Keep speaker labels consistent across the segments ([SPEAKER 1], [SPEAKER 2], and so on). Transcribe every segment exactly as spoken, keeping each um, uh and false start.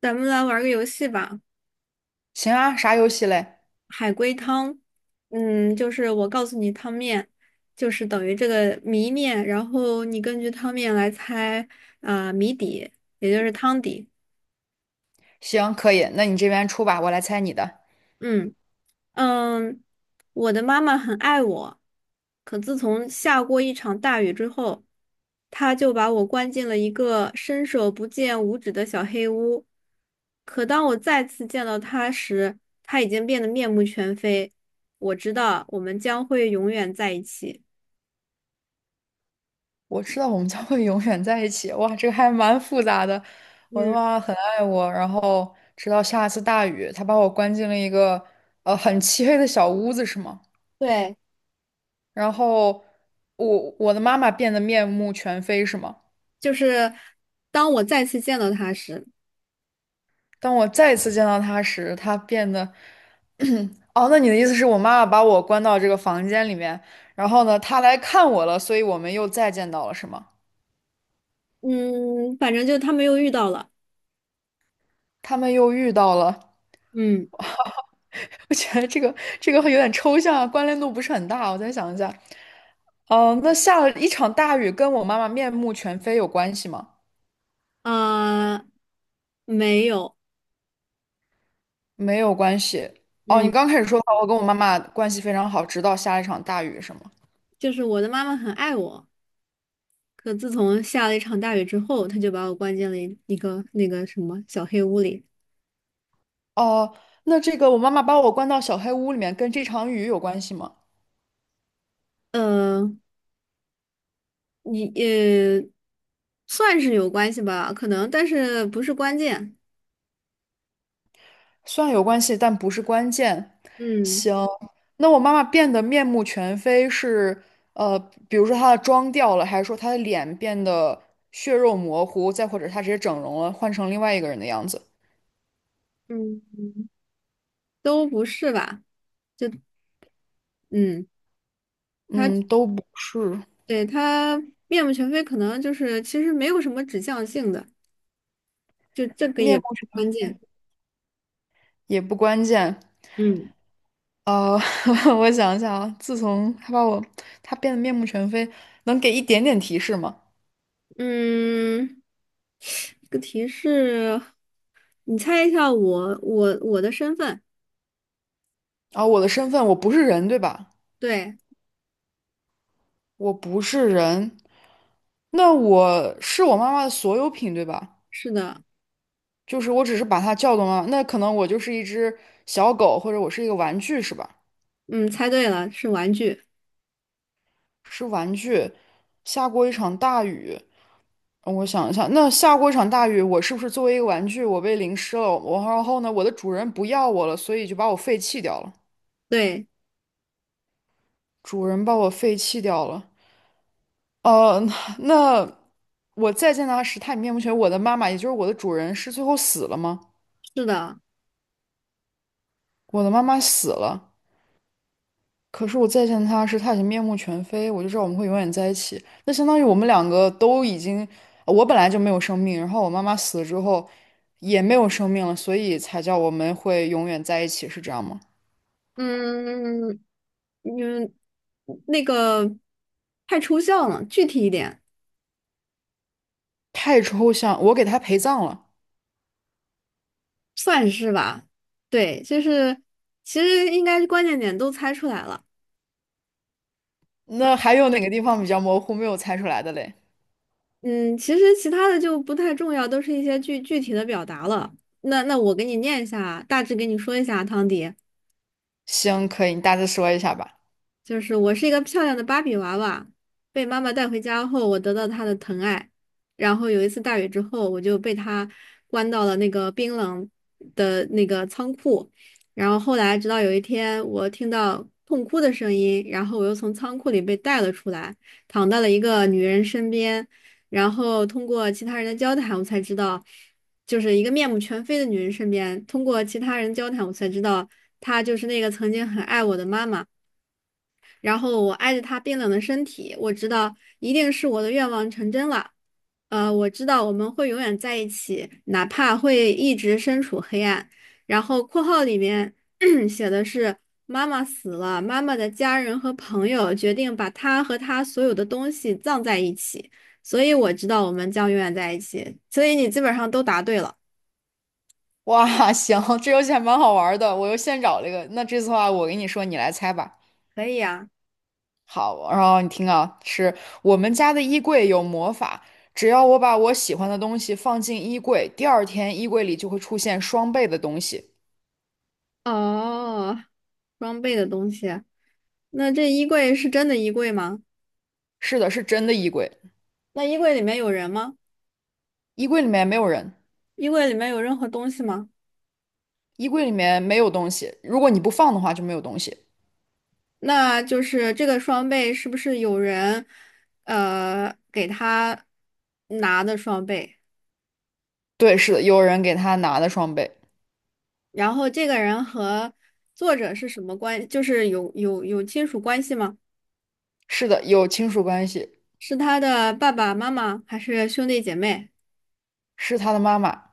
[SPEAKER 1] 咱们来玩个游戏吧，
[SPEAKER 2] 行啊，啥游戏嘞？
[SPEAKER 1] 海龟汤。嗯，就是我告诉你汤面，就是等于这个谜面，然后你根据汤面来猜啊、谜底，也就是汤底。
[SPEAKER 2] 行，可以，那你这边出吧，我来猜你的。
[SPEAKER 1] 嗯，嗯，我的妈妈很爱我，可自从下过一场大雨之后，她就把我关进了一个伸手不见五指的小黑屋。可当我再次见到她时，她已经变得面目全非。我知道我们将会永远在一起。
[SPEAKER 2] 我知道我们将会永远在一起。哇，这个还蛮复杂的。我的
[SPEAKER 1] 嗯，
[SPEAKER 2] 妈妈很爱我，然后直到下一次大雨，她把我关进了一个呃很漆黑的小屋子，是吗？
[SPEAKER 1] 对，
[SPEAKER 2] 然后我我的妈妈变得面目全非，是吗？
[SPEAKER 1] 就是当我再次见到她时，
[SPEAKER 2] 当我再一次见到她时，她变得…… 哦，那你的意思是我妈妈把我关到这个房间里面，然后呢，她来看我了，所以我们又再见到了，是吗？
[SPEAKER 1] 嗯，反正就他们又遇到了。
[SPEAKER 2] 他们又遇到了。
[SPEAKER 1] 嗯，
[SPEAKER 2] 我觉得这个这个会有点抽象啊，关联度不是很大。我再想一下，嗯、那下了一场大雨，跟我妈妈面目全非有关系吗？
[SPEAKER 1] 啊、没有，
[SPEAKER 2] 没有关系。哦，
[SPEAKER 1] 嗯。
[SPEAKER 2] 你刚开始说的我跟我妈妈关系非常好，直到下了一场大雨，是吗？
[SPEAKER 1] 就是我的妈妈很爱我，可自从下了一场大雨之后，她就把我关进了一一个那个什么小黑屋里。
[SPEAKER 2] 哦，那这个我妈妈把我关到小黑屋里面，跟这场雨有关系吗？
[SPEAKER 1] 呃，你呃，算是有关系吧，可能，但是不是关键。
[SPEAKER 2] 算有关系，但不是关键。
[SPEAKER 1] 嗯。
[SPEAKER 2] 行，那我妈妈变得面目全非是，呃，比如说她的妆掉了，还是说她的脸变得血肉模糊，再或者她直接整容了，换成另外一个人的样子？
[SPEAKER 1] 嗯，都不是吧？就嗯，
[SPEAKER 2] 嗯，
[SPEAKER 1] 他
[SPEAKER 2] 都不是，
[SPEAKER 1] 对他面目全非，可能就是其实没有什么指向性的，就这个也
[SPEAKER 2] 面目
[SPEAKER 1] 不关键。
[SPEAKER 2] 也不关键。
[SPEAKER 1] 嗯。
[SPEAKER 2] 呃，我想想啊，自从她把我，她变得面目全非，能给一点点提示吗？
[SPEAKER 1] 嗯。这个提示，你猜一下我我我的身份？
[SPEAKER 2] 啊，我的身份，我不是人，对吧？
[SPEAKER 1] 对，
[SPEAKER 2] 我不是人，那我是我妈妈的所有品，对吧？
[SPEAKER 1] 是的，
[SPEAKER 2] 就是我只是把它叫动了，那可能我就是一只小狗，或者我是一个玩具，是吧？
[SPEAKER 1] 嗯，猜对了，是玩具。
[SPEAKER 2] 是玩具。下过一场大雨，嗯我想一下，那下过一场大雨，我是不是作为一个玩具，我被淋湿了？我然后呢，我的主人不要我了，所以就把我废弃掉了。
[SPEAKER 1] 对，
[SPEAKER 2] 主人把我废弃掉了。呃，那我再见到他时，他已面目全非。我的妈妈，也就是我的主人，是最后死了吗？
[SPEAKER 1] 是的，
[SPEAKER 2] 我的妈妈死了。可是我再见他时，他已经面目全非，我就知道我们会永远在一起。那相当于我们两个都已经，呃我本来就没有生命，然后我妈妈死了之后也没有生命了，所以才叫我们会永远在一起，是这样吗？
[SPEAKER 1] 嗯。嗯，那个太抽象了，具体一点，
[SPEAKER 2] 太抽象，我给他陪葬了。
[SPEAKER 1] 算是吧。对，就是其实应该是关键点都猜出来了。
[SPEAKER 2] 那还有哪个地方比较模糊，没有猜出来的嘞？
[SPEAKER 1] 嗯，其实其他的就不太重要，都是一些具具体的表达了。那那我给你念一下，大致给你说一下，汤迪。
[SPEAKER 2] 行，可以，你大致说一下吧。
[SPEAKER 1] 就是我是一个漂亮的芭比娃娃，被妈妈带回家后，我得到她的疼爱。然后有一次大雨之后，我就被她关到了那个冰冷的那个仓库。然后后来，直到有一天，我听到痛哭的声音，然后我又从仓库里被带了出来，躺到了一个女人身边。然后通过其他人的交谈，我才知道，就是一个面目全非的女人身边。通过其他人交谈，我才知道，她就是那个曾经很爱我的妈妈。然后我挨着他冰冷的身体，我知道一定是我的愿望成真了。呃，我知道我们会永远在一起，哪怕会一直身处黑暗。然后括号里面 写的是妈妈死了，妈妈的家人和朋友决定把她和她所有的东西葬在一起，所以我知道我们将永远在一起。所以你基本上都答对了，
[SPEAKER 2] 哇，行，这游戏还蛮好玩的，我又现找了一个。那这次的话，我给你说，你来猜吧。
[SPEAKER 1] 可以啊。
[SPEAKER 2] 好，然后你听啊，是我们家的衣柜有魔法，只要我把我喜欢的东西放进衣柜，第二天衣柜里就会出现双倍的东西。
[SPEAKER 1] 哦，装备的东西，那这衣柜是真的衣柜吗？
[SPEAKER 2] 是的，是真的衣柜，
[SPEAKER 1] 那衣柜里面有人吗？
[SPEAKER 2] 衣柜里面没有人，
[SPEAKER 1] 衣柜里面有任何东西吗？
[SPEAKER 2] 衣柜里面没有东西，如果你不放的话就没有东西。
[SPEAKER 1] 那就是这个双倍是不是有人，呃，给他拿的双倍？
[SPEAKER 2] 对，是的，有人给他拿的双倍，
[SPEAKER 1] 然后这个人和作者是什么关？就是有有有亲属关系吗？
[SPEAKER 2] 是的，有亲属关系，
[SPEAKER 1] 是他的爸爸妈妈还是兄弟姐妹？
[SPEAKER 2] 是他的妈妈。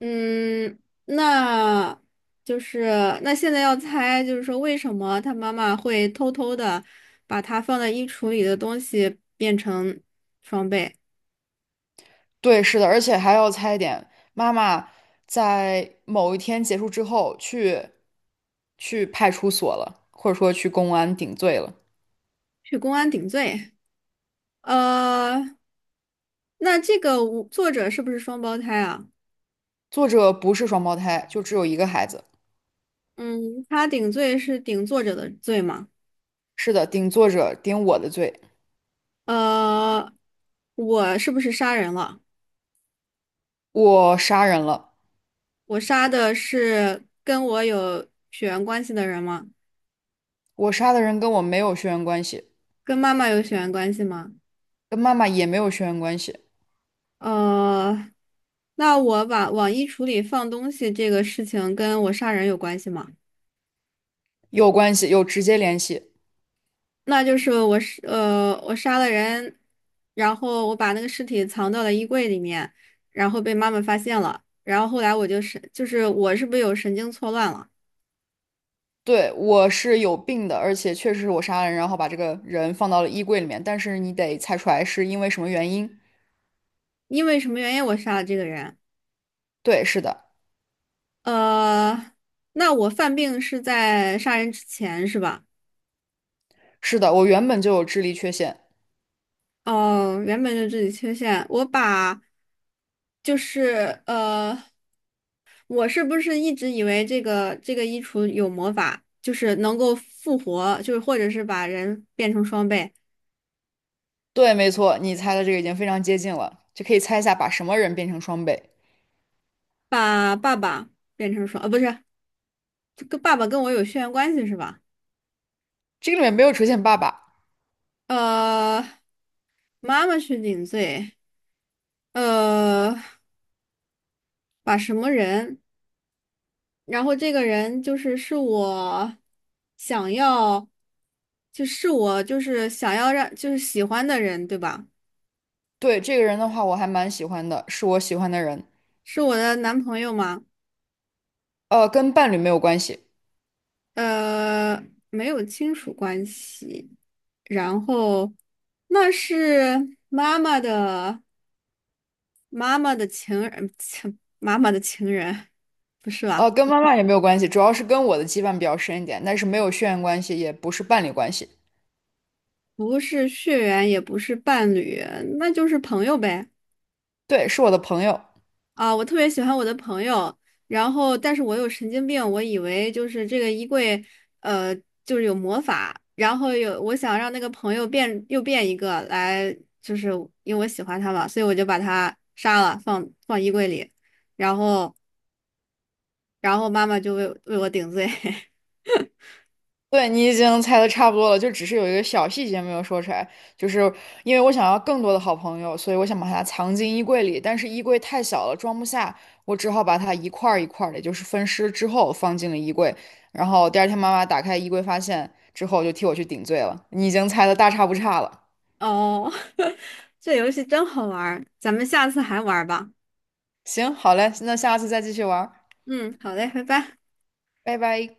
[SPEAKER 1] 嗯，那就是那现在要猜，就是说为什么他妈妈会偷偷的把他放在衣橱里的东西变成双倍，
[SPEAKER 2] 对，是的，而且还要猜一点，妈妈在某一天结束之后去去派出所了，或者说去公安顶罪了。
[SPEAKER 1] 去公安顶罪？呃，那这个无作者是不是双胞胎啊？
[SPEAKER 2] 作者不是双胞胎，就只有一个孩子。
[SPEAKER 1] 嗯，他顶罪是顶作者的罪吗？
[SPEAKER 2] 是的，顶作者顶我的罪，
[SPEAKER 1] 呃，我是不是杀人了？
[SPEAKER 2] 我杀人了。
[SPEAKER 1] 我杀的是跟我有血缘关系的人吗？
[SPEAKER 2] 我杀的人跟我没有血缘关系，
[SPEAKER 1] 跟妈妈有血缘关系吗？
[SPEAKER 2] 跟妈妈也没有血缘关系，
[SPEAKER 1] 呃，那我把往衣橱里放东西这个事情跟我杀人有关系吗？
[SPEAKER 2] 有关系，有直接联系。
[SPEAKER 1] 那就是我是呃，我杀了人，然后我把那个尸体藏到了衣柜里面，然后被妈妈发现了，然后后来我就是就是我是不是有神经错乱了？
[SPEAKER 2] 对，我是有病的，而且确实是我杀了人，然后把这个人放到了衣柜里面。但是你得猜出来是因为什么原因。
[SPEAKER 1] 因为什么原因我杀了这个人？
[SPEAKER 2] 对，是的，
[SPEAKER 1] 呃，那我犯病是在杀人之前是吧？
[SPEAKER 2] 是的，我原本就有智力缺陷。
[SPEAKER 1] 哦，原本就自己缺陷，我把就是呃，我是不是一直以为这个这个衣橱有魔法，就是能够复活，就是或者是把人变成双倍？
[SPEAKER 2] 对，没错，你猜的这个已经非常接近了，就可以猜一下把什么人变成双倍。
[SPEAKER 1] 把爸爸变成双，呃，不是，这个爸爸跟我有血缘关系是吧？
[SPEAKER 2] 这个里面没有出现爸爸。
[SPEAKER 1] 呃，妈妈去顶罪，呃，把什么人？然后这个人就是是我想要，就是我就是想要让就是喜欢的人，对吧？
[SPEAKER 2] 对，这个人的话，我还蛮喜欢的，是我喜欢的人。
[SPEAKER 1] 是我的男朋友吗？
[SPEAKER 2] 呃，跟伴侣没有关系，
[SPEAKER 1] 呃，没有亲属关系。然后那是妈妈的。妈妈的情人，情妈妈的情人，不是吧？
[SPEAKER 2] 呃，跟妈妈也没有关系，主要是跟我的羁绊比较深一点，但是没有血缘关系，也不是伴侣关系。
[SPEAKER 1] 不是血缘，也不是伴侣，那就是朋友呗。
[SPEAKER 2] 对，是我的朋友。
[SPEAKER 1] 啊，我特别喜欢我的朋友，然后但是我有神经病，我以为就是这个衣柜，呃，就是有魔法，然后有我想让那个朋友变又变一个来，就是因为我喜欢他嘛，所以我就把他杀了，放放衣柜里，然后然后妈妈就为为我顶罪。
[SPEAKER 2] 对，你已经猜的差不多了，就只是有一个小细节没有说出来，就是因为我想要更多的好朋友，所以我想把它藏进衣柜里，但是衣柜太小了，装不下，我只好把它一块儿一块儿的，就是分尸之后放进了衣柜，然后第二天妈妈打开衣柜发现之后，就替我去顶罪了。你已经猜的大差不差了，
[SPEAKER 1] 哦，这游戏真好玩儿咱们下次还玩儿吧。
[SPEAKER 2] 行，好嘞，那下次再继续玩儿
[SPEAKER 1] 嗯，好嘞，拜拜。
[SPEAKER 2] 拜拜。